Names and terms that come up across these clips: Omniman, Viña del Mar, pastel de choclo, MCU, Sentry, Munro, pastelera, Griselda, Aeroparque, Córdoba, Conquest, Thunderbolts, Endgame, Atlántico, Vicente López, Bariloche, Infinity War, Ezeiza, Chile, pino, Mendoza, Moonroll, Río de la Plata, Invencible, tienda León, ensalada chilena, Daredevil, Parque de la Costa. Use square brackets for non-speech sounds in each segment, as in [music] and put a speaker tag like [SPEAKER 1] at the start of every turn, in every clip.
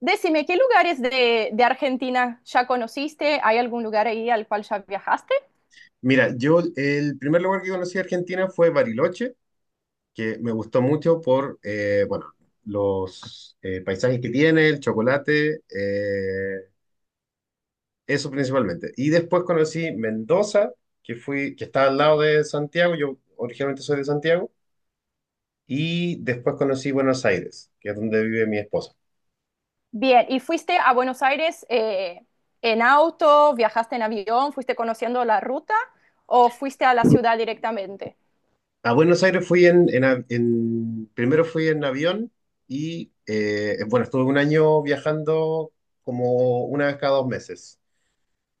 [SPEAKER 1] Decime, ¿qué lugares de Argentina ya conociste? ¿Hay algún lugar ahí al cual ya viajaste?
[SPEAKER 2] Mira, yo el primer lugar que conocí de Argentina fue Bariloche, que me gustó mucho por, bueno, los paisajes que tiene, el chocolate, eso principalmente. Y después conocí Mendoza, que fui, que está al lado de Santiago. Yo originalmente soy de Santiago, y después conocí Buenos Aires, que es donde vive mi esposa.
[SPEAKER 1] Bien, ¿y fuiste a Buenos Aires en auto? ¿Viajaste en avión? ¿Fuiste conociendo la ruta? ¿O fuiste a la ciudad directamente?
[SPEAKER 2] A Buenos Aires fui primero fui en avión y bueno, estuve un año viajando como una vez cada dos meses.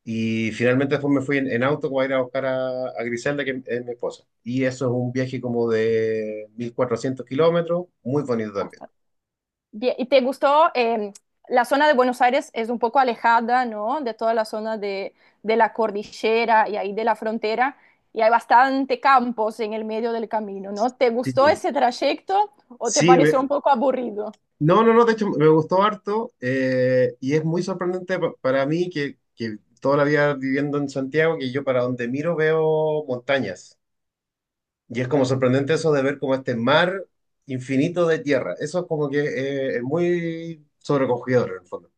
[SPEAKER 2] Y finalmente después me fui en auto para ir a buscar a Griselda, que es mi esposa. Y eso es un viaje como de 1400 km, muy bonito también.
[SPEAKER 1] Bastante. Bien, ¿y te gustó? La zona de Buenos Aires es un poco alejada, ¿no? De toda la zona de la cordillera y ahí de la frontera, y hay bastante campos en el medio del camino, ¿no? ¿Te
[SPEAKER 2] Sí.
[SPEAKER 1] gustó ese trayecto o te
[SPEAKER 2] Sí,
[SPEAKER 1] pareció un poco aburrido?
[SPEAKER 2] no, no, no, de hecho me gustó harto, y es muy sorprendente para mí que toda la vida viviendo en Santiago, que yo para donde miro veo montañas. Y es como sorprendente eso de ver como este mar infinito de tierra. Eso es como que es muy sobrecogedor en el fondo.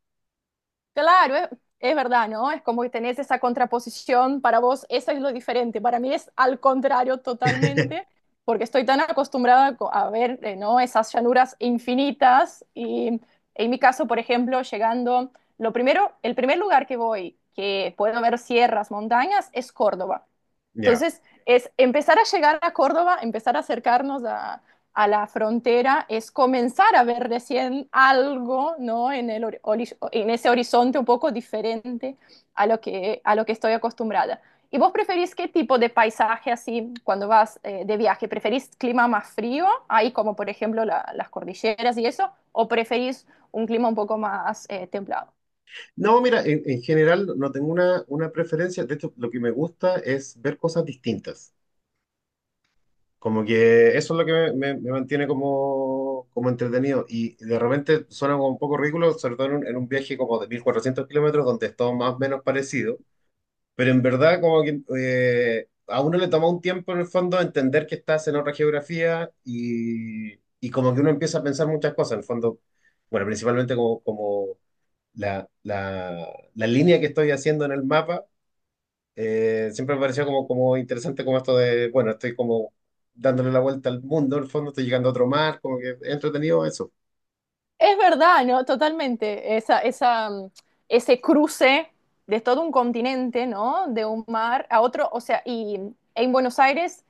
[SPEAKER 1] Claro, es verdad, ¿no? Es como que tenés esa contraposición, para vos eso es lo diferente, para mí es al contrario totalmente,
[SPEAKER 2] [laughs]
[SPEAKER 1] porque estoy tan acostumbrada a ver, ¿no? Esas llanuras infinitas y en mi caso, por ejemplo, llegando, lo primero, el primer lugar que voy, que puedo ver sierras, montañas, es Córdoba.
[SPEAKER 2] Ya.
[SPEAKER 1] Entonces, es empezar a llegar a Córdoba, empezar a acercarnos a la frontera, es comenzar a ver recién algo, ¿no? En en ese horizonte un poco diferente a a lo que estoy acostumbrada. ¿Y vos preferís qué tipo de paisaje así cuando vas de viaje? ¿Preferís clima más frío, ahí como por ejemplo las cordilleras y eso? ¿O preferís un clima un poco más templado?
[SPEAKER 2] No, mira, en general no tengo una preferencia. De hecho, lo que me gusta es ver cosas distintas. Como que eso es lo que me mantiene como, como entretenido. Y de repente suena como un poco ridículo, sobre todo en en un viaje como de 1400 kilómetros, donde es todo más o menos parecido. Pero en verdad, como que a uno le toma un tiempo en el fondo entender que estás en otra geografía, y como que uno empieza a pensar muchas cosas. En el fondo, bueno, principalmente como, como la línea que estoy haciendo en el mapa, siempre me pareció como, como interesante como esto de, bueno, estoy como dándole la vuelta al mundo. En el fondo estoy llegando a otro mar, como que es entretenido eso.
[SPEAKER 1] Es verdad, ¿no? Totalmente. Ese cruce de todo un continente, ¿no? De un mar a otro. O sea, y en Buenos Aires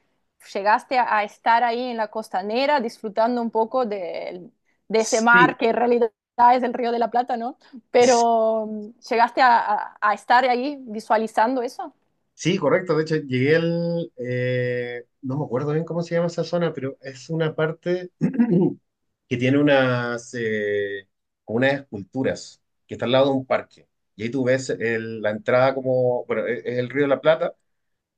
[SPEAKER 1] llegaste a estar ahí en la costanera disfrutando un poco de ese mar
[SPEAKER 2] Sí,
[SPEAKER 1] que en realidad es el Río de la Plata, ¿no?
[SPEAKER 2] s-
[SPEAKER 1] Pero llegaste a estar ahí visualizando eso.
[SPEAKER 2] sí, correcto. De hecho, llegué al, no me acuerdo bien cómo se llama esa zona, pero es una parte [clears throat] que tiene unas, como unas esculturas que está al lado de un parque. Y ahí tú ves la entrada como, bueno, es el Río de la Plata,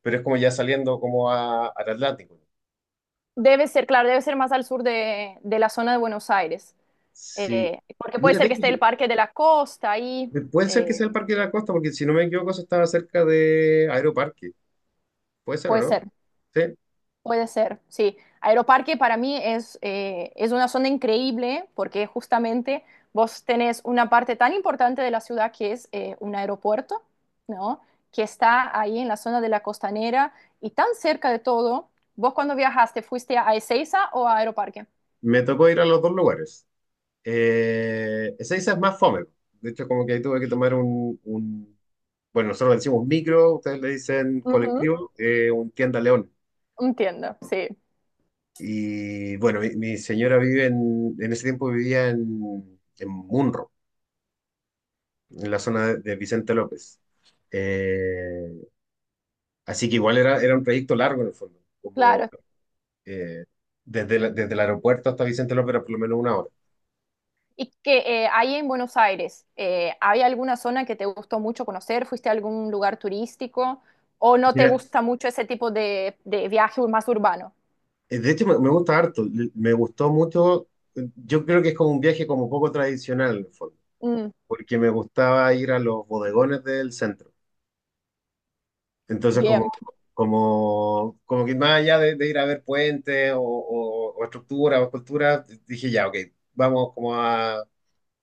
[SPEAKER 2] pero es como ya saliendo como a, al Atlántico.
[SPEAKER 1] Debe ser, claro, debe ser más al sur de la zona de Buenos Aires.
[SPEAKER 2] Sí.
[SPEAKER 1] Porque puede
[SPEAKER 2] Mira,
[SPEAKER 1] ser
[SPEAKER 2] de
[SPEAKER 1] que
[SPEAKER 2] hecho,
[SPEAKER 1] esté el
[SPEAKER 2] sí,
[SPEAKER 1] Parque de la Costa ahí.
[SPEAKER 2] puede ser que
[SPEAKER 1] eh,
[SPEAKER 2] sea el Parque de la Costa, porque si no me equivoco, eso estaba cerca de Aeroparque. ¿Puede ser o
[SPEAKER 1] Puede
[SPEAKER 2] no?
[SPEAKER 1] ser.
[SPEAKER 2] Sí.
[SPEAKER 1] Puede ser, sí. Aeroparque para mí es una zona increíble porque justamente vos tenés una parte tan importante de la ciudad que es un aeropuerto, ¿no? Que está ahí en la zona de la costanera y tan cerca de todo. ¿Vos cuando viajaste fuiste a Ezeiza o a Aeroparque?
[SPEAKER 2] Me tocó ir a los dos lugares. Ezeiza es más fome. De hecho, como que ahí tuve que tomar bueno, nosotros le decimos micro, ustedes le dicen
[SPEAKER 1] Ujú.
[SPEAKER 2] colectivo, un tienda León.
[SPEAKER 1] Entiendo, sí.
[SPEAKER 2] Y bueno, mi señora vive en ese tiempo vivía en Munro, en la zona de Vicente López. Eh, así que igual era, era un trayecto largo en el fondo, como
[SPEAKER 1] Claro.
[SPEAKER 2] eh, desde, desde el aeropuerto hasta Vicente López era por lo menos una hora.
[SPEAKER 1] Y que ahí en Buenos Aires, ¿hay alguna zona que te gustó mucho conocer? ¿Fuiste a algún lugar turístico? ¿O no te
[SPEAKER 2] Mira,
[SPEAKER 1] gusta mucho ese tipo de viaje más urbano?
[SPEAKER 2] de hecho me, me gustó mucho, yo creo que es como un viaje como poco tradicional en el fondo,
[SPEAKER 1] Mm,
[SPEAKER 2] porque me gustaba ir a los bodegones del centro. Entonces como,
[SPEAKER 1] bien,
[SPEAKER 2] como, como que más allá de ir a ver puentes o estructuras o esculturas, dije ya, ok, vamos como a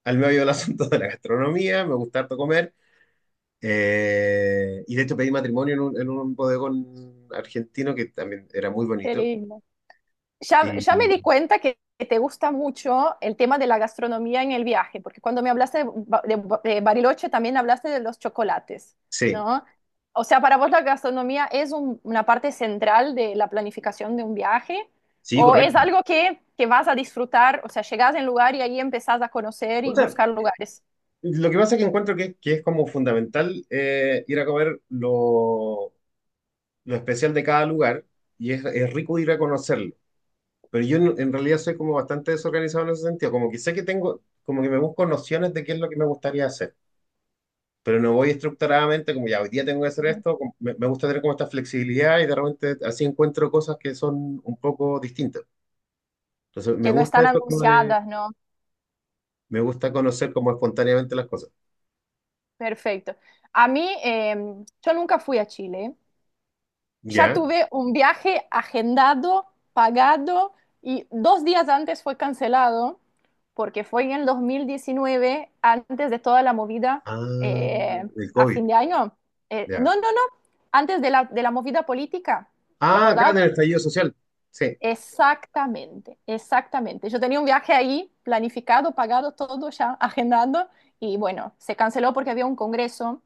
[SPEAKER 2] al medio del asunto de la gastronomía, me gusta harto comer. Y de hecho pedí matrimonio en en un bodegón argentino que también era muy
[SPEAKER 1] qué
[SPEAKER 2] bonito.
[SPEAKER 1] lindo. Ya,
[SPEAKER 2] Y,
[SPEAKER 1] ya me di cuenta que te gusta mucho el tema de la gastronomía en el viaje, porque cuando me hablaste de Bariloche también hablaste de los chocolates,
[SPEAKER 2] sí,
[SPEAKER 1] ¿no? O sea, para vos la gastronomía es una parte central de la planificación de un viaje,
[SPEAKER 2] sí,
[SPEAKER 1] o es
[SPEAKER 2] correcto.
[SPEAKER 1] algo que vas a disfrutar, o sea, llegás en lugar y ahí empezás a conocer
[SPEAKER 2] O
[SPEAKER 1] y
[SPEAKER 2] sea,
[SPEAKER 1] buscar lugares
[SPEAKER 2] lo que pasa es que encuentro que es como fundamental, ir a comer lo especial de cada lugar, y es rico ir a conocerlo. Pero yo en realidad soy como bastante desorganizado en ese sentido, como que sé que tengo, como que me busco nociones de qué es lo que me gustaría hacer. Pero no voy estructuradamente como ya hoy día tengo que hacer esto, me, me gusta tener como esta flexibilidad, y de repente así encuentro cosas que son un poco distintas. Entonces me
[SPEAKER 1] que no
[SPEAKER 2] gusta
[SPEAKER 1] están
[SPEAKER 2] eso como de,
[SPEAKER 1] anunciadas, ¿no?
[SPEAKER 2] me gusta conocer como espontáneamente las cosas.
[SPEAKER 1] Perfecto. A mí, yo nunca fui a Chile. Ya
[SPEAKER 2] ¿Ya?
[SPEAKER 1] tuve un viaje agendado, pagado y dos días antes fue cancelado porque fue en el 2019, antes de toda la movida
[SPEAKER 2] Ah,
[SPEAKER 1] eh,
[SPEAKER 2] el
[SPEAKER 1] a
[SPEAKER 2] COVID,
[SPEAKER 1] fin de año.
[SPEAKER 2] ya.
[SPEAKER 1] No, no, no, antes de de la movida política. ¿Te
[SPEAKER 2] Ah, acá
[SPEAKER 1] acordabas?
[SPEAKER 2] en el estallido social. Sí,
[SPEAKER 1] Exactamente, exactamente. Yo tenía un viaje ahí planificado, pagado todo ya, agendando y bueno, se canceló porque había un congreso.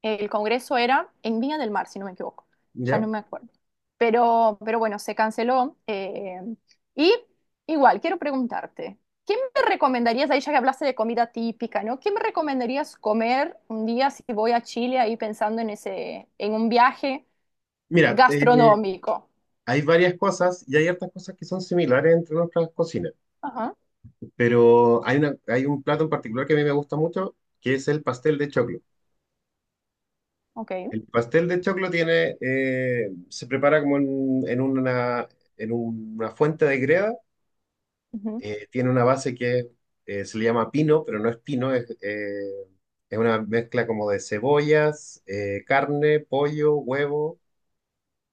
[SPEAKER 1] El congreso era en Viña del Mar, si no me equivoco. Ya
[SPEAKER 2] ¿ya?
[SPEAKER 1] no me acuerdo. Pero bueno, se canceló. Y igual, quiero preguntarte, ¿qué me recomendarías, ahí ya que hablaste de comida típica, ¿no? ¿Qué me recomendarías comer un día si voy a Chile ahí pensando en ese, en un viaje
[SPEAKER 2] Mira,
[SPEAKER 1] gastronómico?
[SPEAKER 2] hay varias cosas y hay hartas cosas que son similares entre nuestras cocinas,
[SPEAKER 1] Ajá,
[SPEAKER 2] pero hay una, hay un plato en particular que a mí me gusta mucho, que es el pastel de choclo.
[SPEAKER 1] ok.
[SPEAKER 2] El pastel de choclo tiene, se prepara como en una fuente de greda.
[SPEAKER 1] Ujú,
[SPEAKER 2] Tiene una base que se le llama pino, pero no es pino, es una mezcla como de cebollas, carne, pollo, huevo,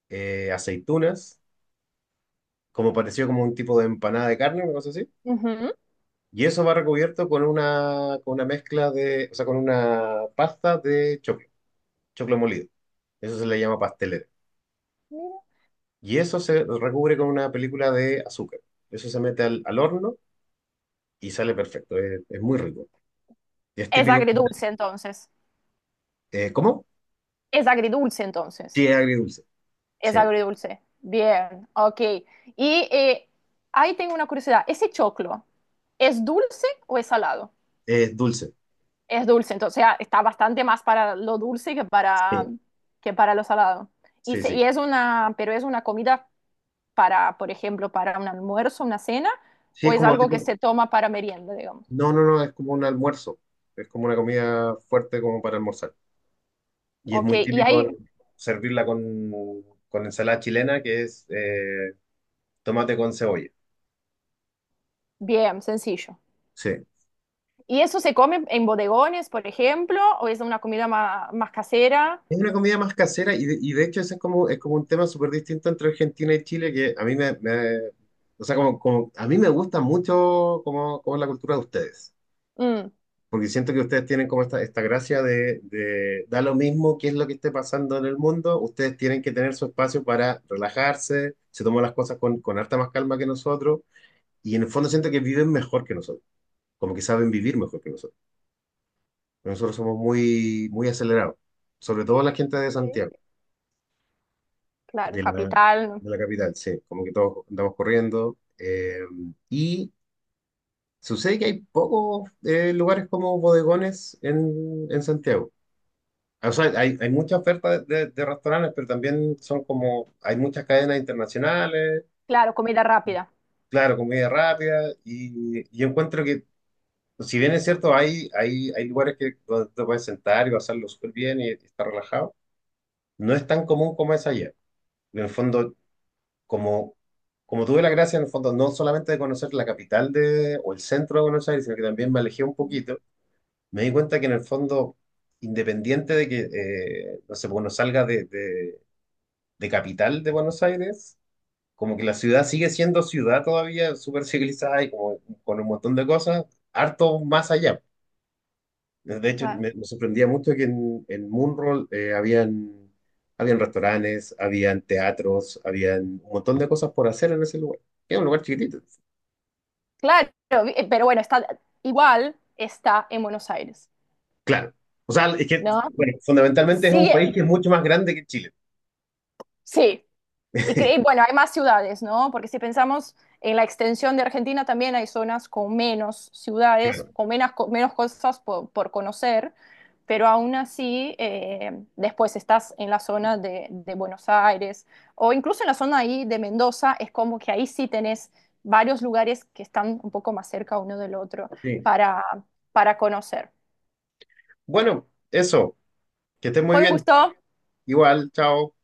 [SPEAKER 2] aceitunas, como pareció como un tipo de empanada de carne, una cosa así.
[SPEAKER 1] ujú.
[SPEAKER 2] Y eso va recubierto con una mezcla de, o sea, con una pasta de choclo, choclo molido. Eso se le llama pastelera.
[SPEAKER 1] Mira.
[SPEAKER 2] Y eso se recubre con una película de azúcar. Eso se mete al horno y sale perfecto. Es muy rico. Y es
[SPEAKER 1] Es
[SPEAKER 2] típico.
[SPEAKER 1] agridulce entonces.
[SPEAKER 2] ¿Cómo?
[SPEAKER 1] Es agridulce
[SPEAKER 2] Sí,
[SPEAKER 1] entonces.
[SPEAKER 2] es agridulce.
[SPEAKER 1] Es
[SPEAKER 2] Sí,
[SPEAKER 1] agridulce. Bien, ok. Y ahí tengo una curiosidad. ¿Ese choclo es dulce o es salado?
[SPEAKER 2] es dulce.
[SPEAKER 1] Es dulce, entonces ah, está bastante más para lo dulce
[SPEAKER 2] Sí,
[SPEAKER 1] que para lo salado. Y,
[SPEAKER 2] sí, sí.
[SPEAKER 1] y es una, pero es una comida para, por ejemplo, para un almuerzo, una cena,
[SPEAKER 2] Sí,
[SPEAKER 1] o
[SPEAKER 2] es
[SPEAKER 1] es
[SPEAKER 2] como
[SPEAKER 1] algo que
[SPEAKER 2] tipo.
[SPEAKER 1] se toma para merienda, digamos.
[SPEAKER 2] No, no, no, es como un almuerzo. Es como una comida fuerte como para almorzar. Y es
[SPEAKER 1] Ok,
[SPEAKER 2] muy
[SPEAKER 1] y ahí,
[SPEAKER 2] típico servirla con ensalada chilena, que es tomate con cebolla.
[SPEAKER 1] bien, sencillo.
[SPEAKER 2] Sí.
[SPEAKER 1] ¿Y eso se come en bodegones, por ejemplo, o es una comida más casera?
[SPEAKER 2] Es una comida más casera, y de hecho ese es como un tema súper distinto entre Argentina y Chile que a mí o sea, como, a mí me gusta mucho como, como la cultura de ustedes,
[SPEAKER 1] Mm,
[SPEAKER 2] porque siento que ustedes tienen como esta gracia de da lo mismo qué es lo que esté pasando en el mundo. Ustedes tienen que tener su espacio para relajarse, se toman las cosas con harta más calma que nosotros, y en el fondo siento que viven mejor que nosotros, como que saben vivir mejor que nosotros. Nosotros somos muy, muy acelerados, sobre todo la gente de
[SPEAKER 1] ok.
[SPEAKER 2] Santiago.
[SPEAKER 1] Claro, capital.
[SPEAKER 2] De la capital, sí, como que todos andamos corriendo. Y sucede que hay pocos lugares como bodegones en Santiago. O sea, hay mucha oferta de, de restaurantes, pero también son como, hay muchas cadenas internacionales,
[SPEAKER 1] Claro, comida rápida.
[SPEAKER 2] claro, comida rápida, y encuentro que, si bien es cierto, hay lugares que, donde te puedes sentar y pasarlo súper bien y estar relajado, no es tan común como es allá. En el fondo, como, como tuve la gracia en el fondo no solamente de conocer la capital de, o el centro de Buenos Aires, sino que también me alejé un
[SPEAKER 1] Ujú.
[SPEAKER 2] poquito, me di cuenta que en el fondo, independiente de que, no sé, pues, uno salga de capital de Buenos Aires, como que la ciudad sigue siendo ciudad todavía, súper civilizada y como, con un montón de cosas, harto más allá. De hecho,
[SPEAKER 1] Claro.
[SPEAKER 2] me sorprendía mucho que en Moonroll habían, habían restaurantes, habían teatros, habían un montón de cosas por hacer en ese lugar. Es un lugar chiquitito,
[SPEAKER 1] Claro, pero bueno, está igual, está en Buenos Aires,
[SPEAKER 2] claro. O sea, es que,
[SPEAKER 1] ¿no?
[SPEAKER 2] bueno, fundamentalmente es
[SPEAKER 1] Sí,
[SPEAKER 2] un país que es mucho más grande que Chile.
[SPEAKER 1] sí. Y, y
[SPEAKER 2] [laughs]
[SPEAKER 1] bueno, hay más ciudades, ¿no? Porque si pensamos en la extensión de Argentina, también hay zonas con menos ciudades,
[SPEAKER 2] Claro,
[SPEAKER 1] con menos, menos cosas por conocer, pero aún así, después estás en la zona de Buenos Aires o incluso en la zona ahí de Mendoza, es como que ahí sí tenés varios lugares que están un poco más cerca uno del otro
[SPEAKER 2] sí.
[SPEAKER 1] para, para conocer.
[SPEAKER 2] Bueno, eso, que estén muy
[SPEAKER 1] Fue un
[SPEAKER 2] bien.
[SPEAKER 1] gusto.
[SPEAKER 2] Igual, chao.